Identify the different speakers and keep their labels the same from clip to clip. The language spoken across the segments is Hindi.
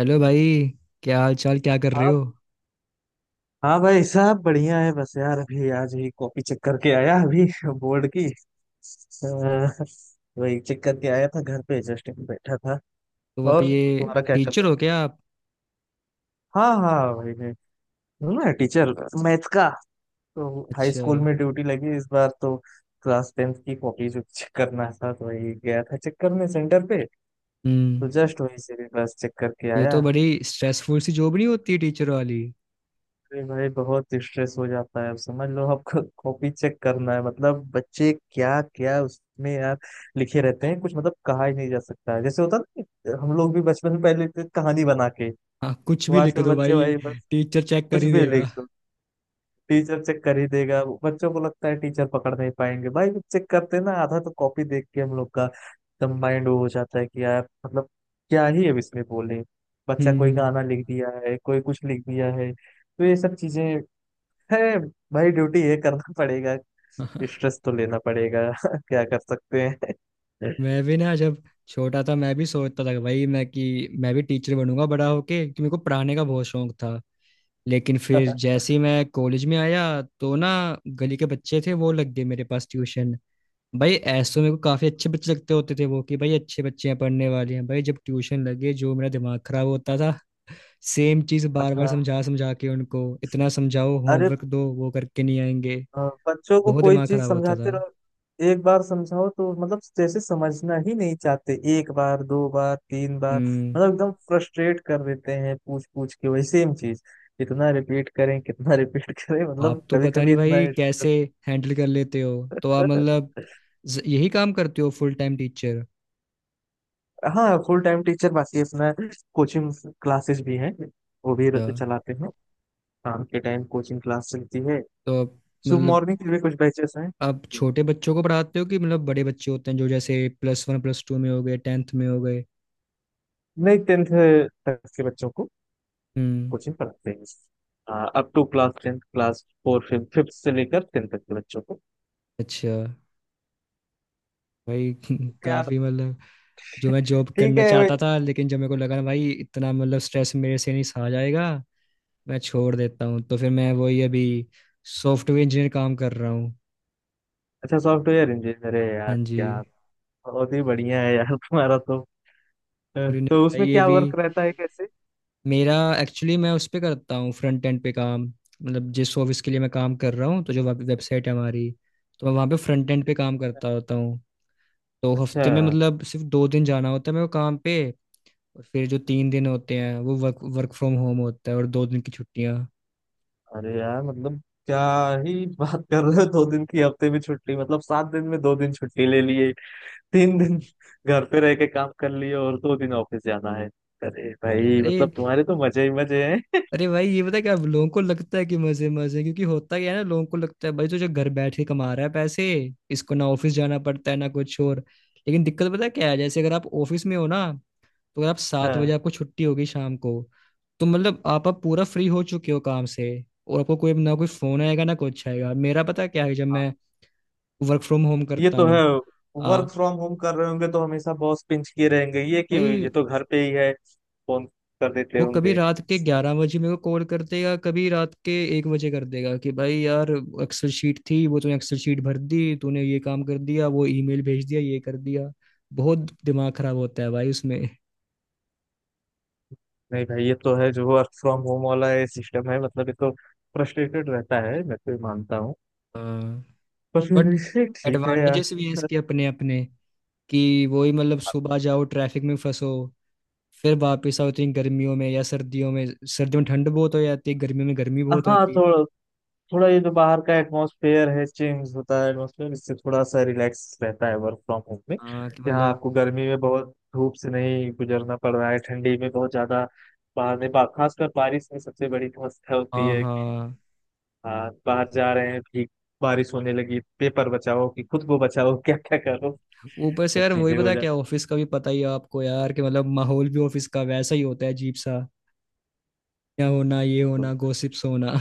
Speaker 1: हेलो भाई। क्या हाल चाल, क्या कर रहे
Speaker 2: हाँ
Speaker 1: हो?
Speaker 2: हाँ भाई साहब बढ़िया है। बस यार अभी आज ही कॉपी चेक करके आया अभी बोर्ड की वही चेक करके आया था घर पे जस्ट बैठा था।
Speaker 1: तो आप
Speaker 2: और
Speaker 1: ये
Speaker 2: तुम्हारा क्या चल
Speaker 1: टीचर
Speaker 2: रहा
Speaker 1: हो क्या आप?
Speaker 2: है। हाँ हाँ वही है। हूँ ना टीचर मैथ का। तो हाई
Speaker 1: अच्छा।
Speaker 2: स्कूल में ड्यूटी लगी इस बार तो। क्लास टेंथ की कॉपी जो चेक करना था तो वही गया था चेक करने सेंटर पे।
Speaker 1: हम्म।
Speaker 2: तो जस्ट वही से भी बस चेक करके
Speaker 1: ये तो
Speaker 2: आया।
Speaker 1: बड़ी स्ट्रेसफुल सी जॉब नहीं होती टीचर वाली?
Speaker 2: अरे भाई बहुत स्ट्रेस हो जाता है। अब समझ लो आपको कॉपी चेक करना है मतलब बच्चे क्या क्या उसमें यार लिखे रहते हैं। कुछ मतलब कहा ही नहीं जा सकता है। जैसे होता ना कि हम लोग भी बचपन में पहले लिखते थे कहानी बना के।
Speaker 1: हाँ, कुछ
Speaker 2: वो
Speaker 1: भी लिख
Speaker 2: आजकल
Speaker 1: दो
Speaker 2: बच्चे
Speaker 1: भाई।
Speaker 2: भाई बस
Speaker 1: टीचर चेक कर
Speaker 2: कुछ
Speaker 1: ही
Speaker 2: भी
Speaker 1: देगा।
Speaker 2: लिख दो टीचर चेक कर ही देगा। वो बच्चों को लगता है टीचर पकड़ नहीं पाएंगे। भाई चेक करते हैं ना आधा तो कॉपी देख के हम लोग का एकदम माइंड वो हो जाता है कि यार मतलब क्या ही अब इसमें बोले। बच्चा कोई
Speaker 1: हम्म।
Speaker 2: गाना लिख दिया है कोई कुछ लिख दिया है तो ये सब चीजें है। भाई ड्यूटी ये करना पड़ेगा। स्ट्रेस तो लेना पड़ेगा क्या कर सकते हैं।
Speaker 1: मैं भी ना, जब छोटा था, मैं भी सोचता था कि भाई मैं भी टीचर बनूंगा बड़ा होके, क्योंकि मेरे को पढ़ाने का बहुत शौक था। लेकिन फिर जैसे ही मैं कॉलेज में आया तो ना, गली के बच्चे थे वो लग गए मेरे पास ट्यूशन। भाई ऐसे तो मेरे को काफी अच्छे बच्चे लगते होते थे, वो कि भाई अच्छे बच्चे हैं, पढ़ने वाले हैं, भाई जब ट्यूशन लगे जो मेरा दिमाग खराब होता था। सेम चीज बार बार
Speaker 2: हाँ
Speaker 1: समझा समझा के उनको इतना समझाओ,
Speaker 2: अरे
Speaker 1: होमवर्क दो वो करके नहीं आएंगे।
Speaker 2: अ, बच्चों को
Speaker 1: बहुत
Speaker 2: कोई
Speaker 1: दिमाग
Speaker 2: चीज
Speaker 1: खराब होता
Speaker 2: समझाते
Speaker 1: था।
Speaker 2: रहो। एक बार समझाओ तो मतलब जैसे समझना ही नहीं चाहते। एक बार दो बार तीन बार
Speaker 1: हम्म।
Speaker 2: मतलब एकदम फ्रस्ट्रेट कर देते हैं पूछ पूछ के वही सेम चीज। कितना रिपीट करें कितना रिपीट करें मतलब
Speaker 1: आप तो
Speaker 2: कभी
Speaker 1: पता
Speaker 2: कभी
Speaker 1: नहीं
Speaker 2: इतना
Speaker 1: भाई कैसे हैंडल कर लेते हो। तो आप मतलब यही काम करते हो, फुल टाइम टीचर?
Speaker 2: हाँ फुल टाइम टीचर। बाकी अपना कोचिंग क्लासेस भी हैं वो भी
Speaker 1: तो
Speaker 2: चलाते हैं। शाम के टाइम कोचिंग क्लास चलती है।
Speaker 1: आप
Speaker 2: सुबह
Speaker 1: मतलब
Speaker 2: मॉर्निंग के भी कुछ बैचेस हैं।
Speaker 1: आप छोटे बच्चों को पढ़ाते हो कि मतलब बड़े बच्चे होते हैं जो जैसे प्लस वन प्लस टू में हो गए, टेंथ में हो गए?
Speaker 2: नहीं टेंथ तक के बच्चों को
Speaker 1: हम्म।
Speaker 2: कोचिंग पढ़ाते हैं। Up to class tenth class four fifth fifth से लेकर टेंथ तक के बच्चों को।
Speaker 1: अच्छा। भाई
Speaker 2: यार
Speaker 1: काफी मतलब जो मैं जॉब
Speaker 2: ठीक
Speaker 1: करना
Speaker 2: है भाई।
Speaker 1: चाहता था, लेकिन जब मेरे को लगा ना भाई इतना मतलब स्ट्रेस मेरे से नहीं सहा जाएगा, मैं छोड़ देता हूँ। तो फिर मैं वही अभी सॉफ्टवेयर इंजीनियर काम कर रहा हूँ।
Speaker 2: अच्छा सॉफ्टवेयर इंजीनियर है यार
Speaker 1: हाँ जी।
Speaker 2: क्या। बहुत ही बढ़िया है यार तुम्हारा तो।
Speaker 1: अरे नहीं
Speaker 2: तो
Speaker 1: भाई
Speaker 2: उसमें
Speaker 1: ये
Speaker 2: क्या
Speaker 1: भी
Speaker 2: वर्क रहता है कैसे।
Speaker 1: मेरा एक्चुअली मैं उस पे करता हूँ फ्रंट एंड पे काम। मतलब जिस ऑफिस के लिए मैं काम कर रहा हूँ, तो जो वेबसाइट है हमारी, तो मैं वहाँ पे फ्रंट एंड पे काम करता होता हूँ। तो
Speaker 2: अच्छा।
Speaker 1: हफ्ते में मतलब सिर्फ 2 दिन जाना होता है मेरे को काम पे। और फिर जो 3 दिन होते हैं, वो वर्क वर्क फ्रॉम होम होता है, और 2 दिन की छुट्टियां।
Speaker 2: अरे यार मतलब क्या ही बात कर रहे हो। दो दिन की हफ्ते में छुट्टी मतलब सात दिन में दो दिन छुट्टी ले लिए। तीन दिन घर पे रह के काम कर लिए और दो दिन ऑफिस जाना है। अरे भाई
Speaker 1: अरे।
Speaker 2: मतलब तुम्हारे तो मजे ही मजे हैं।
Speaker 1: अरे भाई ये पता है क्या, लोगों को लगता है कि मजे मजे, क्योंकि होता क्या है ना, लोगों को लगता है भाई तो जो घर बैठ के कमा रहा है पैसे, इसको ना ऑफिस जाना पड़ता है ना कुछ और। लेकिन दिक्कत पता है क्या है, जैसे अगर आप ऑफिस में हो ना, तो अगर आप 7 बजे
Speaker 2: हाँ
Speaker 1: आपको छुट्टी होगी शाम को, तो मतलब आप अब पूरा फ्री हो चुके हो काम से। और आपको कोई ना कोई फोन आएगा ना कुछ आएगा, मेरा पता क्या है जब
Speaker 2: हाँ।
Speaker 1: मैं वर्क फ्रॉम होम
Speaker 2: ये
Speaker 1: करता
Speaker 2: तो
Speaker 1: हूँ।
Speaker 2: है। वर्क
Speaker 1: हाँ
Speaker 2: फ्रॉम होम कर रहे होंगे तो हमेशा बॉस पिंच किए रहेंगे ये कि
Speaker 1: भाई।
Speaker 2: ये तो घर पे ही है फोन कर देते
Speaker 1: वो कभी
Speaker 2: होंगे।
Speaker 1: रात के 11 बजे मेरे को कॉल कर देगा, कभी रात के 1 बजे कर देगा कि भाई यार एक्सेल शीट थी वो, तूने एक्सेल शीट भर दी, तूने ये काम कर दिया, वो ईमेल भेज दिया, ये कर दिया। बहुत दिमाग खराब होता है भाई उसमें।
Speaker 2: नहीं भाई ये तो है जो वर्क फ्रॉम होम वाला है सिस्टम है मतलब ये तो फ्रस्ट्रेटेड रहता है। मैं तो ये मानता हूँ।
Speaker 1: हाँ।
Speaker 2: पर फिर
Speaker 1: बट
Speaker 2: भी ठीक है यार।
Speaker 1: एडवांटेजेस भी हैं इसके अपने अपने, कि वही मतलब सुबह जाओ, ट्रैफिक में फंसो, फिर वापस आओ, तो इन गर्मियों में या सर्दियों में, सर्दियों में ठंड बहुत हो जाती है, गर्मियों में गर्मी बहुत
Speaker 2: हाँ
Speaker 1: होती है।
Speaker 2: थोड़ा थोड़ा ये जो बाहर का एटमॉस्फेयर है चेंज होता है एटमॉस्फेयर इससे थोड़ा सा रिलैक्स रहता है वर्क फ्रॉम होम में।
Speaker 1: हाँ कि
Speaker 2: यहाँ
Speaker 1: मतलब।
Speaker 2: आपको गर्मी में बहुत धूप से नहीं गुजरना पड़ रहा है। ठंडी में बहुत ज्यादा बाहर में खासकर बारिश में सबसे बड़ी समस्या होती
Speaker 1: हाँ,
Speaker 2: है कि
Speaker 1: हाँ।
Speaker 2: हाँ बाहर जा रहे हैं। भीग बारिश होने लगी पेपर बचाओ कि खुद को बचाओ क्या क्या करो।
Speaker 1: ऊपर से
Speaker 2: सब
Speaker 1: यार वही
Speaker 2: चीजें हो
Speaker 1: पता क्या,
Speaker 2: जाती
Speaker 1: ऑफिस का भी पता ही है आपको यार, कि मतलब माहौल भी ऑफिस का वैसा ही होता है अजीब सा। क्या होना, ये होना,
Speaker 2: हैं।
Speaker 1: गॉसिप्स होना।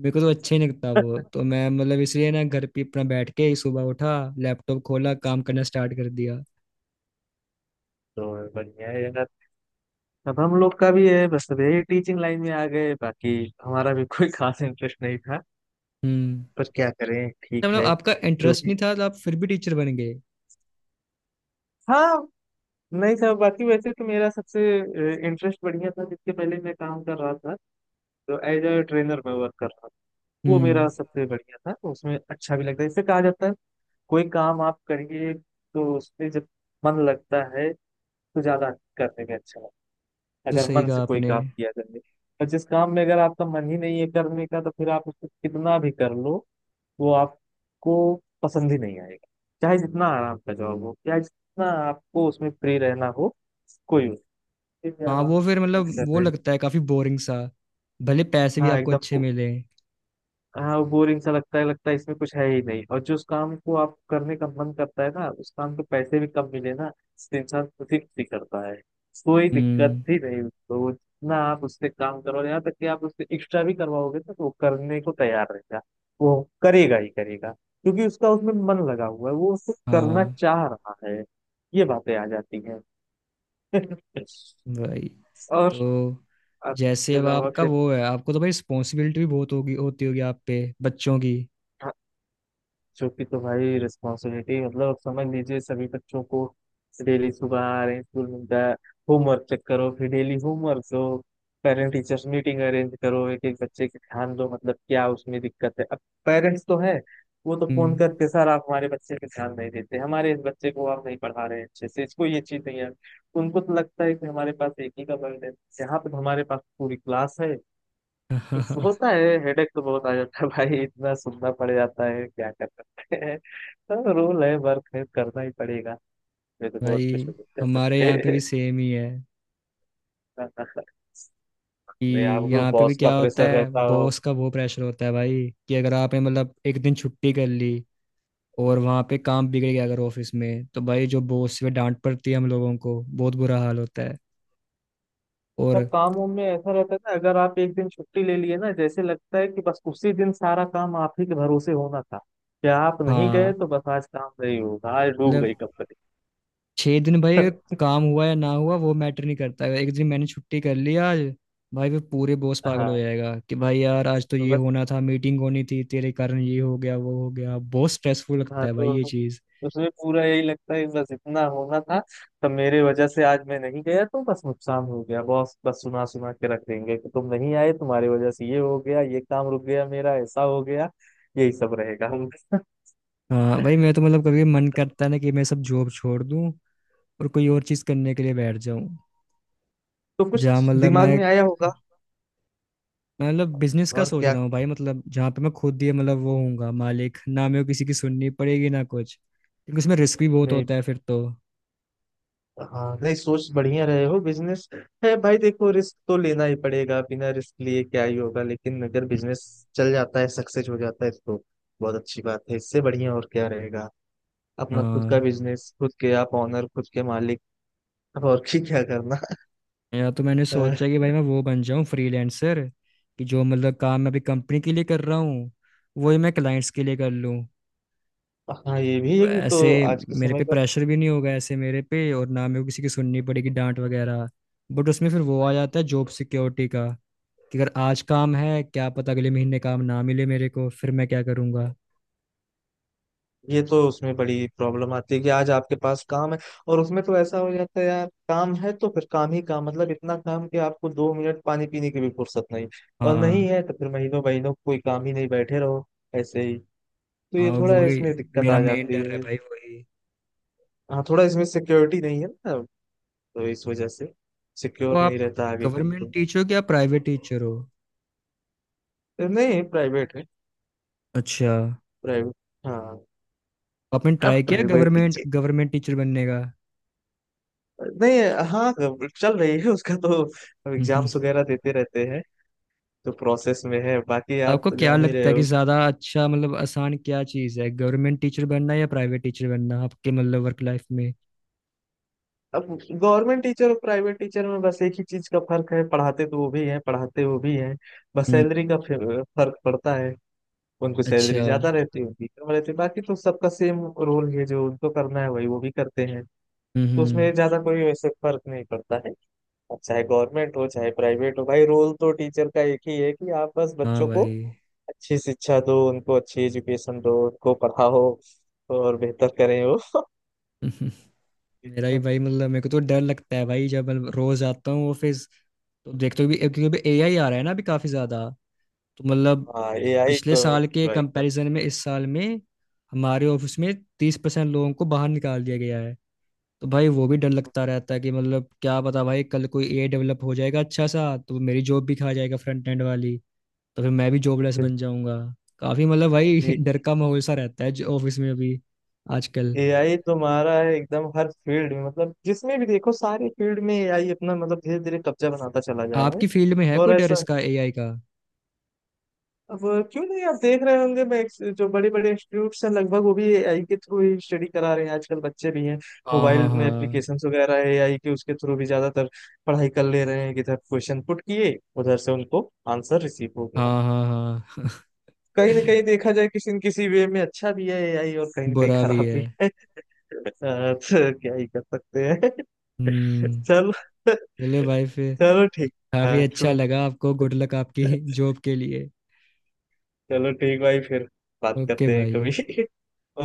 Speaker 1: मेरे को तो अच्छा ही नहीं लगता वो, तो मैं मतलब इसलिए ना घर पे अपना बैठ के ही सुबह उठा, लैपटॉप खोला, काम करना स्टार्ट कर दिया।
Speaker 2: तो बढ़िया है यार। अब हम लोग का भी है बस अब यही टीचिंग लाइन में आ गए। बाकी हमारा भी कोई खास इंटरेस्ट नहीं था।
Speaker 1: हम्म।
Speaker 2: पर क्या करें
Speaker 1: तो
Speaker 2: ठीक
Speaker 1: मतलब
Speaker 2: है
Speaker 1: आपका
Speaker 2: जो
Speaker 1: इंटरेस्ट
Speaker 2: भी।
Speaker 1: नहीं था तो आप फिर भी टीचर बन गए?
Speaker 2: हाँ नहीं साहब बाकी वैसे तो मेरा सबसे इंटरेस्ट बढ़िया था जिसके पहले मैं काम कर रहा था। तो एज ए ट्रेनर में वर्क कर रहा था। वो मेरा
Speaker 1: हम्म।
Speaker 2: सबसे बढ़िया था। तो उसमें अच्छा भी लगता है। इससे कहा जाता है कोई काम आप करिए तो उसमें जब मन लगता है तो ज्यादा करने में अच्छा लगता है
Speaker 1: तो
Speaker 2: अगर
Speaker 1: सही
Speaker 2: मन
Speaker 1: कहा
Speaker 2: से कोई
Speaker 1: आपने।
Speaker 2: काम किया जाए। और जिस काम में अगर आपका मन ही नहीं है करने का तो फिर आप उसको कितना भी कर लो वो आपको पसंद ही नहीं आएगा। चाहे जितना आराम का जॉब हो चाहे जितना आपको उसमें फ्री रहना हो। कोई
Speaker 1: हाँ
Speaker 2: यार
Speaker 1: वो फिर मतलब
Speaker 2: कर
Speaker 1: वो
Speaker 2: रहे हो।
Speaker 1: लगता है काफी बोरिंग सा, भले पैसे भी
Speaker 2: हाँ
Speaker 1: आपको
Speaker 2: एकदम
Speaker 1: अच्छे मिले।
Speaker 2: हाँ वो बोरिंग सा लगता है। लगता है इसमें कुछ है ही नहीं। और जो उस काम को आप करने का मन करता है ना उस काम को पैसे भी कम मिले ना तो इंसान खुशी खुशी करता है। कोई दिक्कत
Speaker 1: हम्म।
Speaker 2: ही नहीं उसको ना। आप उससे काम करो यहाँ तक कि आप उससे एक्स्ट्रा भी करवाओगे ना तो वो करने को तैयार रहेगा। वो करेगा ही करेगा क्योंकि उसका उसमें मन लगा हुआ है वो उसको करना
Speaker 1: हाँ
Speaker 2: चाह रहा है। ये बातें आ जाती हैं।
Speaker 1: भाई।
Speaker 2: और
Speaker 1: तो जैसे
Speaker 2: इसके
Speaker 1: अब
Speaker 2: अलावा
Speaker 1: आपका
Speaker 2: फिर
Speaker 1: वो है, आपको तो भाई रिस्पॉन्सिबिलिटी भी बहुत होगी होती होगी आप पे, बच्चों की।
Speaker 2: हाँ। बच्चों की तो भाई रिस्पॉन्सिबिलिटी मतलब आप समझ लीजिए। सभी बच्चों को डेली सुबह आ रहे हैं स्कूल मिलता है। होमवर्क चेक करो फिर डेली होमवर्क दो। पेरेंट टीचर्स मीटिंग अरेंज करो एक एक बच्चे के ध्यान दो मतलब क्या उसमें दिक्कत है। अब पेरेंट्स तो है वो तो फोन
Speaker 1: हम्म।
Speaker 2: करके सर आप हमारे बच्चे पे ध्यान नहीं देते हमारे इस बच्चे को आप नहीं पढ़ा रहे हैं अच्छे से इसको ये चीज नहीं है। उनको तो लगता है कि हमारे पास एक ही का बर्डन है यहाँ पे तो हमारे पास पूरी क्लास है। होता है हेडेक तो बहुत आ जाता है भाई इतना सुनना पड़ जाता है। क्या कर सकते हैं तो रूल है वर्क है करना ही पड़ेगा। ये तो बहुत
Speaker 1: भाई
Speaker 2: कुछ नहीं कर
Speaker 1: हमारे यहाँ पे
Speaker 2: सकते।
Speaker 1: भी सेम ही है, कि
Speaker 2: मैं आपको
Speaker 1: यहाँ पे भी
Speaker 2: बॉस का
Speaker 1: क्या होता
Speaker 2: प्रेशर
Speaker 1: है,
Speaker 2: रहता हो।
Speaker 1: बॉस का वो प्रेशर होता है भाई, कि अगर आपने मतलब एक दिन छुट्टी कर ली और वहाँ पे काम बिगड़ गया अगर ऑफिस में, तो भाई जो बॉस से डांट पड़ती है, हम लोगों को बहुत बुरा हाल होता है। और
Speaker 2: अच्छा काम वाम में ऐसा रहता है ना अगर आप एक दिन छुट्टी ले लिए ना जैसे लगता है कि बस उसी दिन सारा काम आप ही के भरोसे होना था। कि आप नहीं गए
Speaker 1: हाँ
Speaker 2: तो बस आज काम नहीं होगा आज डूब गई
Speaker 1: मतलब
Speaker 2: कंपनी।
Speaker 1: 6 दिन भाई अगर काम हुआ या ना हुआ वो मैटर नहीं करता, अगर एक दिन मैंने छुट्टी कर ली आज, भाई वो पूरे बॉस पागल हो
Speaker 2: हाँ
Speaker 1: जाएगा कि भाई यार आज तो
Speaker 2: तो
Speaker 1: ये
Speaker 2: बस
Speaker 1: होना था, मीटिंग होनी थी, तेरे कारण ये हो गया वो हो गया, बहुत स्ट्रेसफुल लगता
Speaker 2: हाँ।
Speaker 1: है भाई ये
Speaker 2: तो
Speaker 1: चीज़।
Speaker 2: उसमें पूरा यही लगता है कि बस इतना होना था। तो मेरे वजह से आज मैं नहीं गया तो बस नुकसान हो गया। बॉस बस सुना सुना के रख देंगे कि तुम नहीं आए तुम्हारी वजह से ये हो गया ये काम रुक गया मेरा ऐसा हो गया। यही सब रहेगा।
Speaker 1: हाँ भाई मैं तो मतलब कभी मन करता है ना कि मैं सब जॉब छोड़ दूँ और कोई और चीज़ करने के लिए बैठ जाऊँ,
Speaker 2: तो
Speaker 1: जहाँ
Speaker 2: कुछ
Speaker 1: मतलब
Speaker 2: दिमाग
Speaker 1: मैं
Speaker 2: में आया होगा।
Speaker 1: मैं मतलब बिजनेस का
Speaker 2: और
Speaker 1: सोच
Speaker 2: क्या
Speaker 1: रहा हूँ भाई, मतलब जहाँ पे मैं खुद ही मतलब वो हूँगा मालिक, ना मेरे को किसी की सुननी पड़ेगी ना कुछ, क्योंकि उसमें रिस्क भी बहुत
Speaker 2: मैं
Speaker 1: होता है फिर तो।
Speaker 2: हाँ नहीं सोच बढ़िया रहे हो बिजनेस है भाई। देखो रिस्क तो लेना ही पड़ेगा बिना रिस्क लिए क्या ही होगा। लेकिन अगर बिजनेस चल जाता है सक्सेस हो जाता है तो बहुत अच्छी बात है। इससे बढ़िया और क्या रहेगा। अपना खुद का
Speaker 1: हाँ।
Speaker 2: बिजनेस खुद के आप ऑनर खुद के मालिक। अब और की क्या करना।
Speaker 1: या तो मैंने सोचा
Speaker 2: अ,
Speaker 1: कि भाई मैं वो बन जाऊं फ्रीलांसर, कि जो मतलब काम मैं अभी कंपनी के लिए कर रहा हूँ वही मैं क्लाइंट्स के लिए कर लूँ,
Speaker 2: हाँ ये भी है कि
Speaker 1: ऐसे
Speaker 2: तो आज के
Speaker 1: मेरे
Speaker 2: समय
Speaker 1: पे
Speaker 2: का।
Speaker 1: प्रेशर भी नहीं होगा ऐसे मेरे पे, और ना मेरे को किसी की सुननी पड़ेगी, डांट वगैरह। बट उसमें फिर वो आ जाता है जॉब सिक्योरिटी का, कि अगर आज काम है, क्या पता अगले महीने काम ना मिले मेरे को, फिर मैं क्या करूँगा?
Speaker 2: ये तो उसमें बड़ी प्रॉब्लम आती है कि आज आपके पास काम है और उसमें तो ऐसा हो जाता है यार काम है तो फिर काम ही काम मतलब इतना काम कि आपको दो मिनट पानी पीने की भी फुर्सत नहीं। और नहीं
Speaker 1: हाँ,
Speaker 2: है तो फिर महीनों महीनों कोई काम ही नहीं बैठे रहो ऐसे ही। तो ये
Speaker 1: हाँ,
Speaker 2: थोड़ा
Speaker 1: वही
Speaker 2: इसमें दिक्कत
Speaker 1: मेरा
Speaker 2: आ
Speaker 1: मेन
Speaker 2: जाती
Speaker 1: डर है
Speaker 2: है।
Speaker 1: भाई, वही।
Speaker 2: हाँ थोड़ा इसमें सिक्योरिटी नहीं है ना तो इस वजह से
Speaker 1: तो
Speaker 2: सिक्योर नहीं
Speaker 1: आप
Speaker 2: रहता आगे तक
Speaker 1: गवर्नमेंट
Speaker 2: तो।
Speaker 1: टीचर हो कि आप प्राइवेट टीचर हो?
Speaker 2: नहीं प्राइवेट है
Speaker 1: अच्छा।
Speaker 2: प्राइवेट हाँ।
Speaker 1: आपने
Speaker 2: अब
Speaker 1: ट्राई किया
Speaker 2: private
Speaker 1: government
Speaker 2: teacher
Speaker 1: government teacher बनने का?
Speaker 2: नहीं हाँ चल रही है उसका तो। अब
Speaker 1: हम्म।
Speaker 2: एग्जाम्स वगैरह देते रहते हैं। तो प्रोसेस में है बाकी
Speaker 1: तो
Speaker 2: आप
Speaker 1: आपको
Speaker 2: तो
Speaker 1: क्या
Speaker 2: जान ही रहे
Speaker 1: लगता है कि
Speaker 2: हो।
Speaker 1: ज्यादा अच्छा मतलब आसान क्या चीज है, गवर्नमेंट टीचर बनना या प्राइवेट टीचर बनना, आपके मतलब वर्क लाइफ में?
Speaker 2: अब गवर्नमेंट टीचर और प्राइवेट टीचर में बस एक ही चीज का फर्क है। पढ़ाते तो वो भी हैं पढ़ाते वो भी हैं बस
Speaker 1: हम्म।
Speaker 2: सैलरी का फर्क पड़ता है। उनको
Speaker 1: अच्छा।
Speaker 2: सैलरी ज्यादा रहती है उनकी कम रहती है। बाकी तो सबका सेम रोल है जो उनको करना है वही वो भी करते हैं। तो उसमें
Speaker 1: हम्म।
Speaker 2: ज्यादा कोई वैसे फर्क नहीं पड़ता है। अब चाहे गवर्नमेंट हो चाहे प्राइवेट हो भाई रोल तो टीचर का एक ही है कि आप बस
Speaker 1: हाँ
Speaker 2: बच्चों को
Speaker 1: भाई।
Speaker 2: अच्छी शिक्षा दो उनको अच्छी एजुकेशन दो उनको पढ़ाओ और बेहतर करें वो।
Speaker 1: हम्म, मेरा भी भाई मतलब मेरे को तो डर लगता है भाई, जब मतलब रोज आता हूँ ऑफिस तो देखते हो भी, क्योंकि AI आ रहा है ना अभी काफी ज्यादा, तो मतलब
Speaker 2: हाँ ए आई
Speaker 1: पिछले
Speaker 2: तो
Speaker 1: साल के कंपैरिजन में इस साल में हमारे ऑफिस में 30% लोगों को बाहर निकाल दिया गया है। तो भाई वो भी डर लगता रहता है कि मतलब क्या पता भाई कल कोई ए डेवलप हो जाएगा अच्छा सा, तो मेरी जॉब भी खा जाएगा फ्रंट एंड वाली, तो फिर मैं भी जॉबलेस बन जाऊंगा। काफी मतलब भाई डर का माहौल सा रहता है जो ऑफिस में अभी आजकल।
Speaker 2: ए आई तो मारा है एकदम हर फील्ड में। मतलब जिसमें भी देखो सारे फील्ड में एआई अपना मतलब धीरे धीरे कब्जा बनाता चला जा रहा है।
Speaker 1: आपकी फील्ड में है कोई
Speaker 2: और
Speaker 1: डर
Speaker 2: ऐसा
Speaker 1: इसका AI का?
Speaker 2: अब क्यों नहीं। आप देख रहे होंगे मैं जो बड़े बड़े इंस्टीट्यूट्स हैं लगभग वो भी एआई के थ्रू ही स्टडी करा रहे हैं। आजकल बच्चे भी हैं
Speaker 1: हाँ, हाँ,
Speaker 2: मोबाइल में
Speaker 1: हाँ,
Speaker 2: एप्लीकेशंस वगैरह है एआई के उसके थ्रू भी ज्यादातर पढ़ाई कर ले रहे हैं। किधर क्वेश्चन पुट किए उधर से उनको आंसर रिसीव हो गया।
Speaker 1: हाँ, हाँ, हाँ।
Speaker 2: कहीं ना कहीं देखा जाए किसी न किसी वे में अच्छा भी है एआई और कहीं ना कहीं
Speaker 1: बुरा भी
Speaker 2: खराब
Speaker 1: है।
Speaker 2: भी है। तो क्या ही कर सकते हैं।
Speaker 1: हम्म।
Speaker 2: चलो
Speaker 1: चलो भाई फिर।
Speaker 2: चलो ठीक
Speaker 1: काफी
Speaker 2: हाँ
Speaker 1: अच्छा लगा आपको, गुड लक आपकी जॉब के लिए।
Speaker 2: चलो ठीक भाई फिर बात
Speaker 1: ओके
Speaker 2: करते हैं
Speaker 1: भाई।
Speaker 2: कभी।